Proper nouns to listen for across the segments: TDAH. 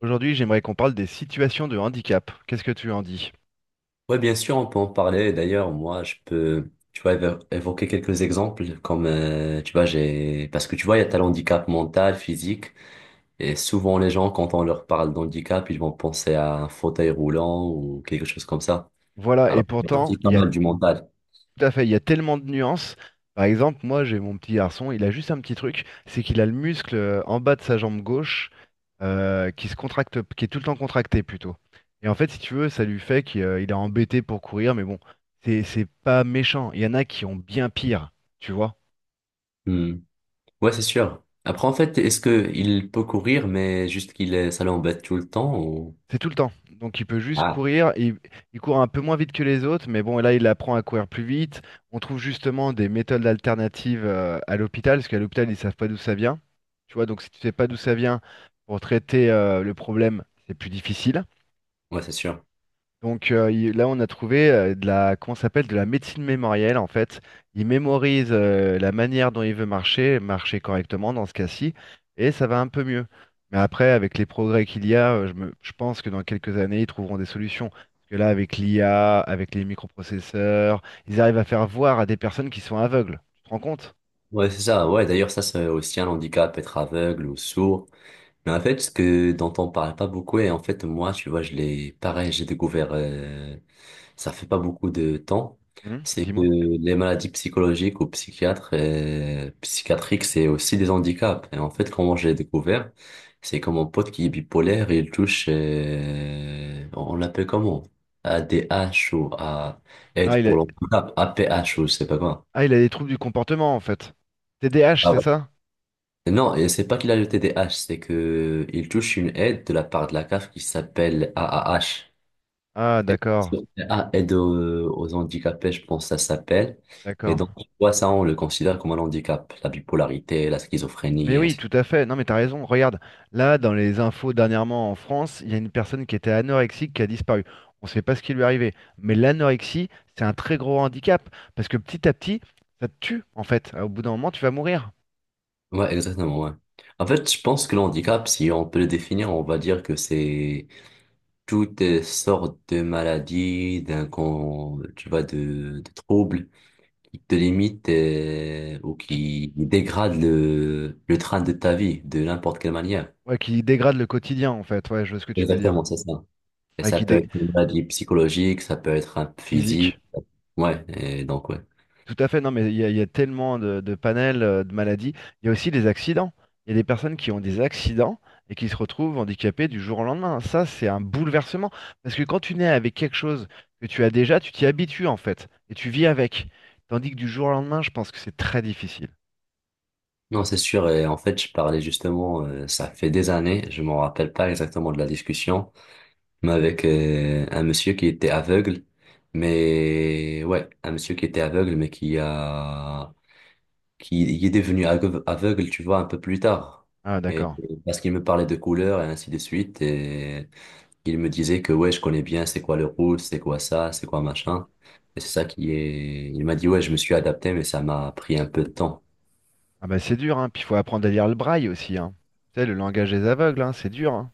Aujourd'hui, j'aimerais qu'on parle des situations de handicap. Qu'est-ce que tu en dis? Ouais, bien sûr, on peut en parler. D'ailleurs, moi, je peux, tu vois, évoquer quelques exemples comme, tu vois, parce que tu vois, il y a tel handicap mental, physique, et souvent les gens, quand on leur parle d'handicap, ils vont penser à un fauteuil roulant ou quelque chose comme ça. Voilà, et Alors, pourtant, c'est il pas y a mal tout du mental. à fait, il y a tellement de nuances. Par exemple, moi, j'ai mon petit garçon, il a juste un petit truc, c'est qu'il a le muscle en bas de sa jambe gauche qui se contracte, qui est tout le temps contracté plutôt. Et en fait, si tu veux, ça lui fait qu'il il est embêté pour courir, mais bon, c'est pas méchant. Il y en a qui ont bien pire, tu vois. Hmm. Ouais, c'est sûr. Après, en fait, est-ce que il peut courir, mais juste qu'il est, ça l'embête tout le temps ou. C'est tout le temps. Donc il peut juste Ah, courir. Il court un peu moins vite que les autres, mais bon, là, il apprend à courir plus vite. On trouve justement des méthodes alternatives à l'hôpital, parce qu'à l'hôpital, ils savent pas d'où ça vient. Tu vois, donc si tu sais pas d'où ça vient, pour traiter le problème, c'est plus difficile. ouais, c'est sûr. Là, on a trouvé de la, comment ça s'appelle, de la médecine mémorielle en fait. Il mémorise la manière dont il veut marcher, marcher correctement dans ce cas-ci, et ça va un peu mieux. Mais après, avec les progrès qu'il y a, je pense que dans quelques années, ils trouveront des solutions. Parce que là, avec l'IA, avec les microprocesseurs, ils arrivent à faire voir à des personnes qui sont aveugles. Tu te rends compte? Ouais, c'est ça. Ouais, d'ailleurs, ça, c'est aussi un handicap, être aveugle ou sourd. Mais en fait, ce que dont on parle pas beaucoup, et en fait, moi, tu vois, je l'ai, pareil, j'ai découvert, ça fait pas beaucoup de temps, Hmm. c'est que Dis-moi. les maladies psychologiques ou psychiatriques, c'est aussi des handicaps. Et en fait, comment je l'ai découvert, c'est comme mon pote qui est bipolaire, il touche, on l'appelle comment? ADH ou A, Ah, aide il a... pour l'handicap, APH ou je sais pas quoi. ah, il a des troubles du comportement en fait. TDAH, Ah c'est ouais. ça? Non, et c'est pas qu'il a le TDAH, c'est que il touche une aide de la part de la CAF qui s'appelle AAH. Ah, Aide d'accord, sur- Ah, aide aux handicapés, je pense que ça s'appelle. Et d'accord. donc, tu vois, ça, on le considère comme un handicap, la bipolarité, la Mais schizophrénie. et oui, ainsi- tout à fait. Non, mais t'as raison. Regarde, là, dans les infos dernièrement en France, il y a une personne qui était anorexique qui a disparu. On ne sait pas ce qui lui est arrivé. Mais l'anorexie, c'est un très gros handicap. Parce que petit à petit, ça te tue, en fait. Au bout d'un moment, tu vas mourir. Ouais, exactement, ouais. En fait, je pense que le handicap, si on peut le définir, on va dire que c'est toutes sortes de maladies, tu vois, de troubles qui te limite ou Qui, qui dégrade le train de ta vie de n'importe quelle manière. ouais, qui dégrade le quotidien, en fait. Ouais, je vois ce que tu veux dire. Exactement, c'est ça. Et Ouais, ça qui peut dé... être une maladie psychologique, ça peut être un physique. physique. Ouais, et donc ouais. Tout à fait, non, mais il y a tellement de panels de maladies. Il y a aussi les accidents. Il y a des personnes qui ont des accidents et qui se retrouvent handicapées du jour au lendemain. Ça, c'est un bouleversement. Parce que quand tu nais avec quelque chose que tu as déjà, tu t'y habitues en fait et tu vis avec. Tandis que du jour au lendemain, je pense que c'est très difficile. Non, c'est sûr. Et en fait, je parlais justement, ça fait des années, je m'en rappelle pas exactement de la discussion, mais avec un monsieur qui était aveugle, mais ouais, un monsieur qui était aveugle, mais qui il est devenu aveugle, aveugle, tu vois, un peu plus tard. Ah, Et, d'accord. et parce qu'il me parlait de couleurs et ainsi de suite. Et il me disait que, ouais, je connais bien c'est quoi le rouge, c'est quoi ça, c'est quoi machin. Et c'est ça qui est. Il m'a dit, ouais, je me suis adapté, mais ça m'a pris un peu de temps. Ah, bah, c'est dur, hein. Puis il faut apprendre à lire le braille aussi, hein. Tu sais, le langage des aveugles, hein, c'est dur, hein.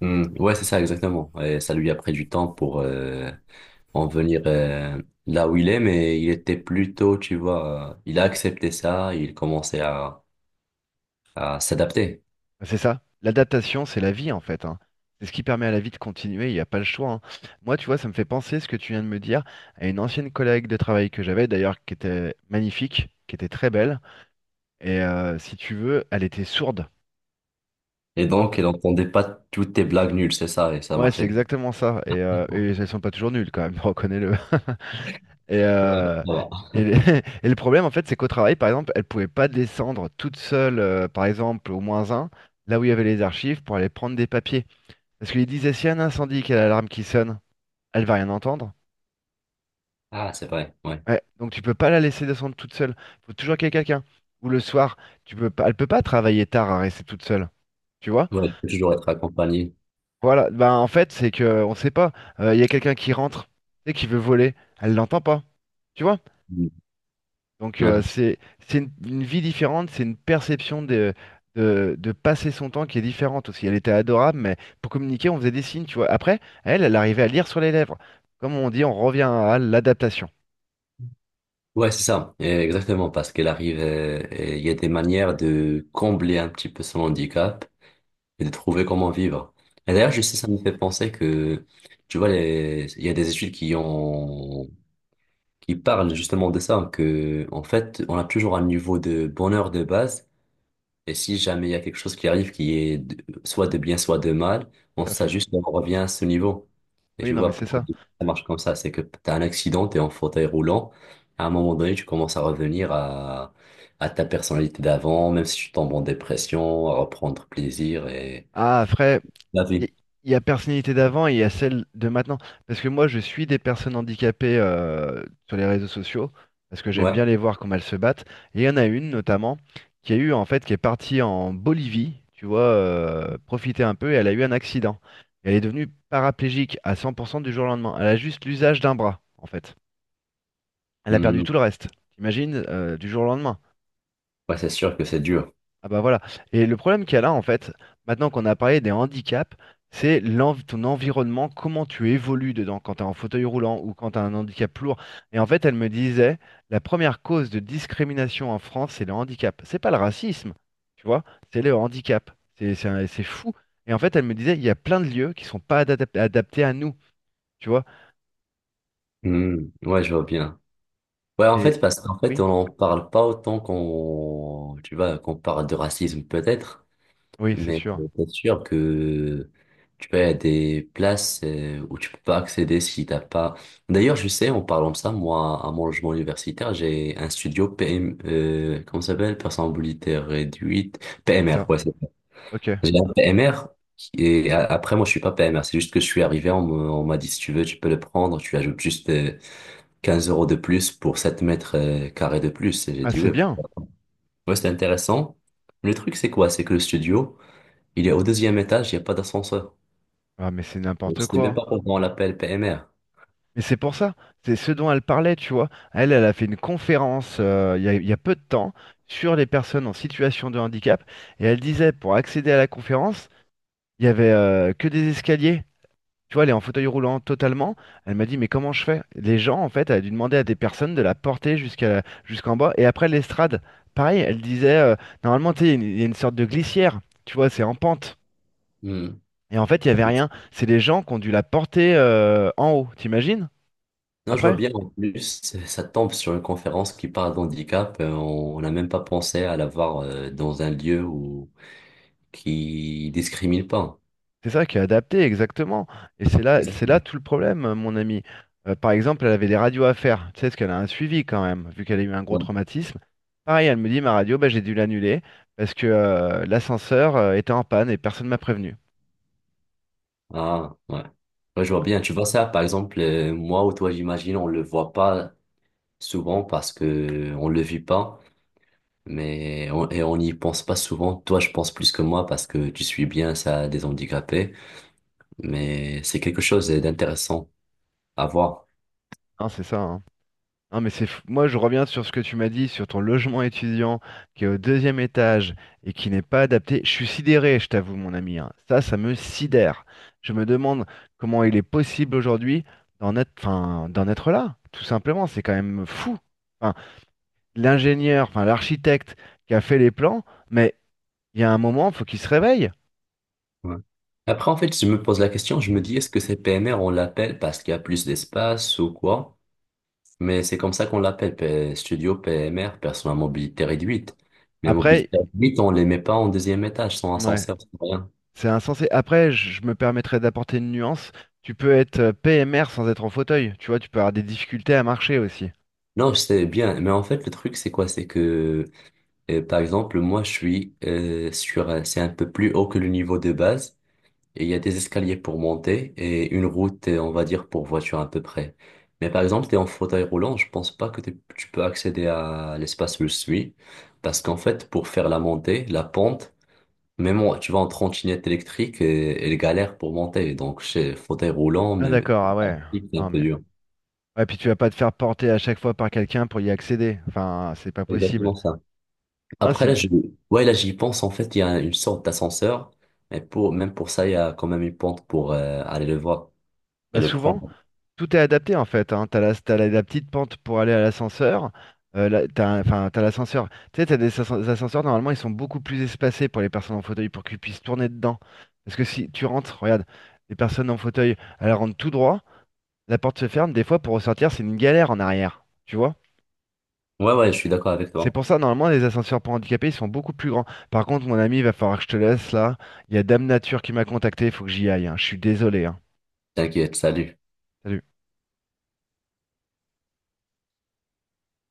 Hmm, ouais, c'est ça, exactement. Et ça lui a pris du temps pour en venir là où il est, mais il était plutôt, tu vois, il a accepté ça, il commençait à s'adapter. C'est ça. L'adaptation, c'est la vie en fait, hein. C'est ce qui permet à la vie de continuer, il n'y a pas le choix, hein. Moi, tu vois, ça me fait penser ce que tu viens de me dire à une ancienne collègue de travail que j'avais d'ailleurs, qui était magnifique, qui était très belle. Et si tu veux, elle était sourde, tu Et vois. donc, il n'entendait pas toutes tes blagues nulles, c'est ça, et ça Ouais, c'est marchait bien. exactement ça. Ouais, Et elles sont pas toujours nulles quand même, reconnais-le. Et, donc euh, ça va. et, le et le problème, en fait, c'est qu'au travail, par exemple, elle pouvait pas descendre toute seule, par exemple, au moins un, là où il y avait les archives, pour aller prendre des papiers. Parce qu'il disait, si un incendie, qu'il y a l'alarme qui sonne, elle va rien entendre. Ah, c'est vrai, ouais. Ouais, donc tu peux pas la laisser descendre toute seule. Il faut toujours qu'il y ait quelqu'un. Ou le soir, tu peux pas, elle peut pas travailler tard à rester toute seule. Tu vois? Ouais, il faut toujours Euh, être accompagné. Voilà. Ben, en fait, c'est que on sait pas. Il y a quelqu'un qui rentre et qui veut voler. Elle l'entend pas. Tu vois? Mm. Donc Non, euh, c'est- c'est c'est une vie différente. C'est une perception de, de passer son temps qui est différente aussi. Elle était adorable, mais pour communiquer, on faisait des signes. Tu vois? Après, elle, elle arrivait à lire sur les lèvres. Comme on dit, on revient à l'adaptation. Ouais, c'est ça, exactement, parce qu'elle arrive, et il y a des manières de combler un petit peu son handicap et de trouver comment vivre. Et d'ailleurs, je sais, ça me fait penser que, tu vois, il y a des études qui parlent justement de ça, que, en fait, on a toujours un niveau de bonheur de base. Et si jamais il y a quelque chose qui arrive qui est soit de bien, soit de mal, on Tout à fait. s'ajuste et on revient à ce niveau. Et Oui, tu non, mais vois, c'est pourquoi ça. ça marche comme ça, c'est que tu as un accident, tu es en fauteuil roulant, à un moment donné, tu commences à revenir à ta personnalité d'avant, même si tu tombes en dépression, à reprendre plaisir et Ah, après, la il vie. y, y a personnalité d'avant et il y a celle de maintenant. Parce que moi, je suis des personnes handicapées sur les réseaux sociaux, parce que j'aime Ouais. bien les voir comment elles se battent. Et il y en a une, notamment, qui a eu, en fait, qui est partie en Bolivie, tu vois, profiter un peu, et elle a eu un accident. Et elle est devenue paraplégique à 100% du jour au lendemain. Elle a juste l'usage d'un bras, en fait. Elle a perdu tout Mhm. le reste. T'imagines, du jour au lendemain. Ouais, c'est sûr que c'est dur. Ah bah voilà. Et le problème qu'il y a là, en fait, maintenant qu'on a parlé des handicaps, c'est ton environnement, comment tu évolues dedans quand tu es en fauteuil roulant ou quand tu as un handicap lourd. Et en fait, elle me disait, la première cause de discrimination en France, c'est le handicap. C'est pas le racisme, tu vois, c'est le handicap. C'est fou. Et en fait, elle me disait, il y a plein de lieux qui sont pas adap- adaptés à nous, tu vois. Mhm. Ouais, je vois bien. Ouais, en Et fait, parce qu'en fait, oui, on n'en parle pas autant tu vois, qu'on parle de racisme peut-être. oui, c'est Mais sûr. C'est sûr que tu vois, il y a des places où tu peux pas accéder si t'as pas. D'ailleurs, je sais, en parlant de ça, moi, à mon logement universitaire, j'ai un studio PM, comment ça s'appelle? Personne à mobilité réduite. C'est PMR, ça. ouais, c'est ça. Ok. J'ai un PMR. Et après, moi, je suis pas PMR. C'est juste que je suis arrivé, on m'a dit, si tu veux, tu peux le prendre. Tu ajoutes juste 15 € de plus pour 7 mètres carrés de plus. Et j'ai Ah, dit, c'est ouais, bien. ouais, c'est intéressant. Le truc, c'est quoi? C'est que le studio. Il est au deuxième étage, il n'y a pas d'ascenseur. Ah, mais c'est Donc, n'importe c'était même pas quoi. pendant l'appel PMR. Mais c'est pour ça, c'est ce dont elle parlait, tu vois. Elle, elle a fait une conférence il y a peu de temps sur les personnes en situation de handicap. Et elle disait, pour accéder à la conférence, il y avait que des escaliers. Tu vois, elle est en fauteuil roulant totalement. Elle m'a dit, mais comment je fais? Les gens, en fait, elle a dû demander à des personnes de la porter jusqu'à, jusqu'en bas. Et après l'estrade, pareil, elle disait, normalement, tu sais, il y a une sorte de glissière. Tu vois, c'est en pente. Hmm. Et en fait, il n'y avait rien. C'est les gens qui ont dû la porter en haut, t'imagines? Non, je vois Après? bien, en plus, ça tombe sur une conférence qui parle d'handicap. On n'a même pas pensé à l'avoir dans un lieu qui discrimine pas. C'est ça qui est adapté, exactement. Et c'est là Exactement. tout le problème, mon ami. Par exemple, elle avait des radios à faire. Tu sais, parce qu'elle a un suivi quand même, vu qu'elle a eu un gros Ouais. traumatisme. Pareil, elle me dit, ma radio, bah, j'ai dû l'annuler parce que l'ascenseur était en panne et personne ne m'a prévenu. Ah, ouais. Ouais, je vois bien. Tu vois ça, par exemple, moi ou toi, j'imagine, on le voit pas souvent parce que on le vit pas, et on n'y pense pas souvent. Toi, je pense plus que moi parce que tu suis bien ça des handicapés, mais c'est quelque chose d'intéressant à voir. Hein, c'est ça, hein. Non mais c'est fou. Moi je reviens sur ce que tu m'as dit sur ton logement étudiant qui est au deuxième étage et qui n'est pas adapté. Je suis sidéré, je t'avoue mon ami, hein. Ça me sidère. Je me demande comment il est possible aujourd'hui d'en être, enfin, d'en être là. Tout simplement, c'est quand même fou. Enfin, l'architecte qui a fait les plans, mais il y a un moment, faut qu'il se réveille. Ouais. Après, en fait, je me pose la question, je me dis, est-ce que c'est PMR, on l'appelle parce qu'il y a plus d'espace ou quoi? Mais c'est comme ça qu'on l'appelle, Studio PMR, personne à mobilité réduite. Mais Après, mobilité réduite, on les met pas en deuxième étage, sans ouais, ascenseur, sans rien. c'est insensé. Après, je me permettrai d'apporter une nuance. Tu peux être PMR sans être en fauteuil. Tu vois, tu peux avoir des difficultés à marcher aussi. Non, je sais bien, mais en fait, le truc, c'est quoi? C'est que, par exemple, moi, je suis c'est un peu plus haut que le niveau de base. Et il y a des escaliers pour monter et une route, on va dire, pour voiture à peu près. Mais par exemple, tu es en fauteuil roulant, je pense pas que tu peux accéder à l'espace où je suis. Parce qu'en fait, pour faire la montée, la pente, même tu vas en trottinette électrique, et, elle galère pour monter. Donc, chez fauteuil roulant, Ah mais d'accord, ah ouais. c'est un Non peu mais. dur. Ouais, puis tu vas pas te faire porter à chaque fois par quelqu'un pour y accéder. Enfin, c'est pas possible. Exactement ça. Hein, Après, c'est... là, ouais, là, j'y pense. En fait, il y a une sorte d'ascenseur. Mais même pour ça, il y a quand même une pente pour aller le voir et Bah, le souvent, prendre. tout est adapté en fait, hein. T'as la... la petite pente pour aller à l'ascenseur. T'as un- enfin, t'as l'ascenseur. Tu sais, t'as ascenseurs, normalement, ils sont beaucoup plus espacés pour les personnes en fauteuil pour qu'ils puissent tourner dedans. Parce que si tu rentres, regarde, les personnes en fauteuil, elles rentrent tout droit, la porte se ferme, des fois pour ressortir, c'est une galère en arrière. Tu vois? Ouais, ouais, je suis d'accord avec C'est toi. pour ça, normalement, les ascenseurs pour handicapés, ils sont beaucoup plus grands. Par contre, mon ami, il va falloir que je te laisse là. Il y a Dame Nature qui m'a contacté, il faut que j'y aille, hein. Je suis désolé, hein. T'inquiète, salut. Salut.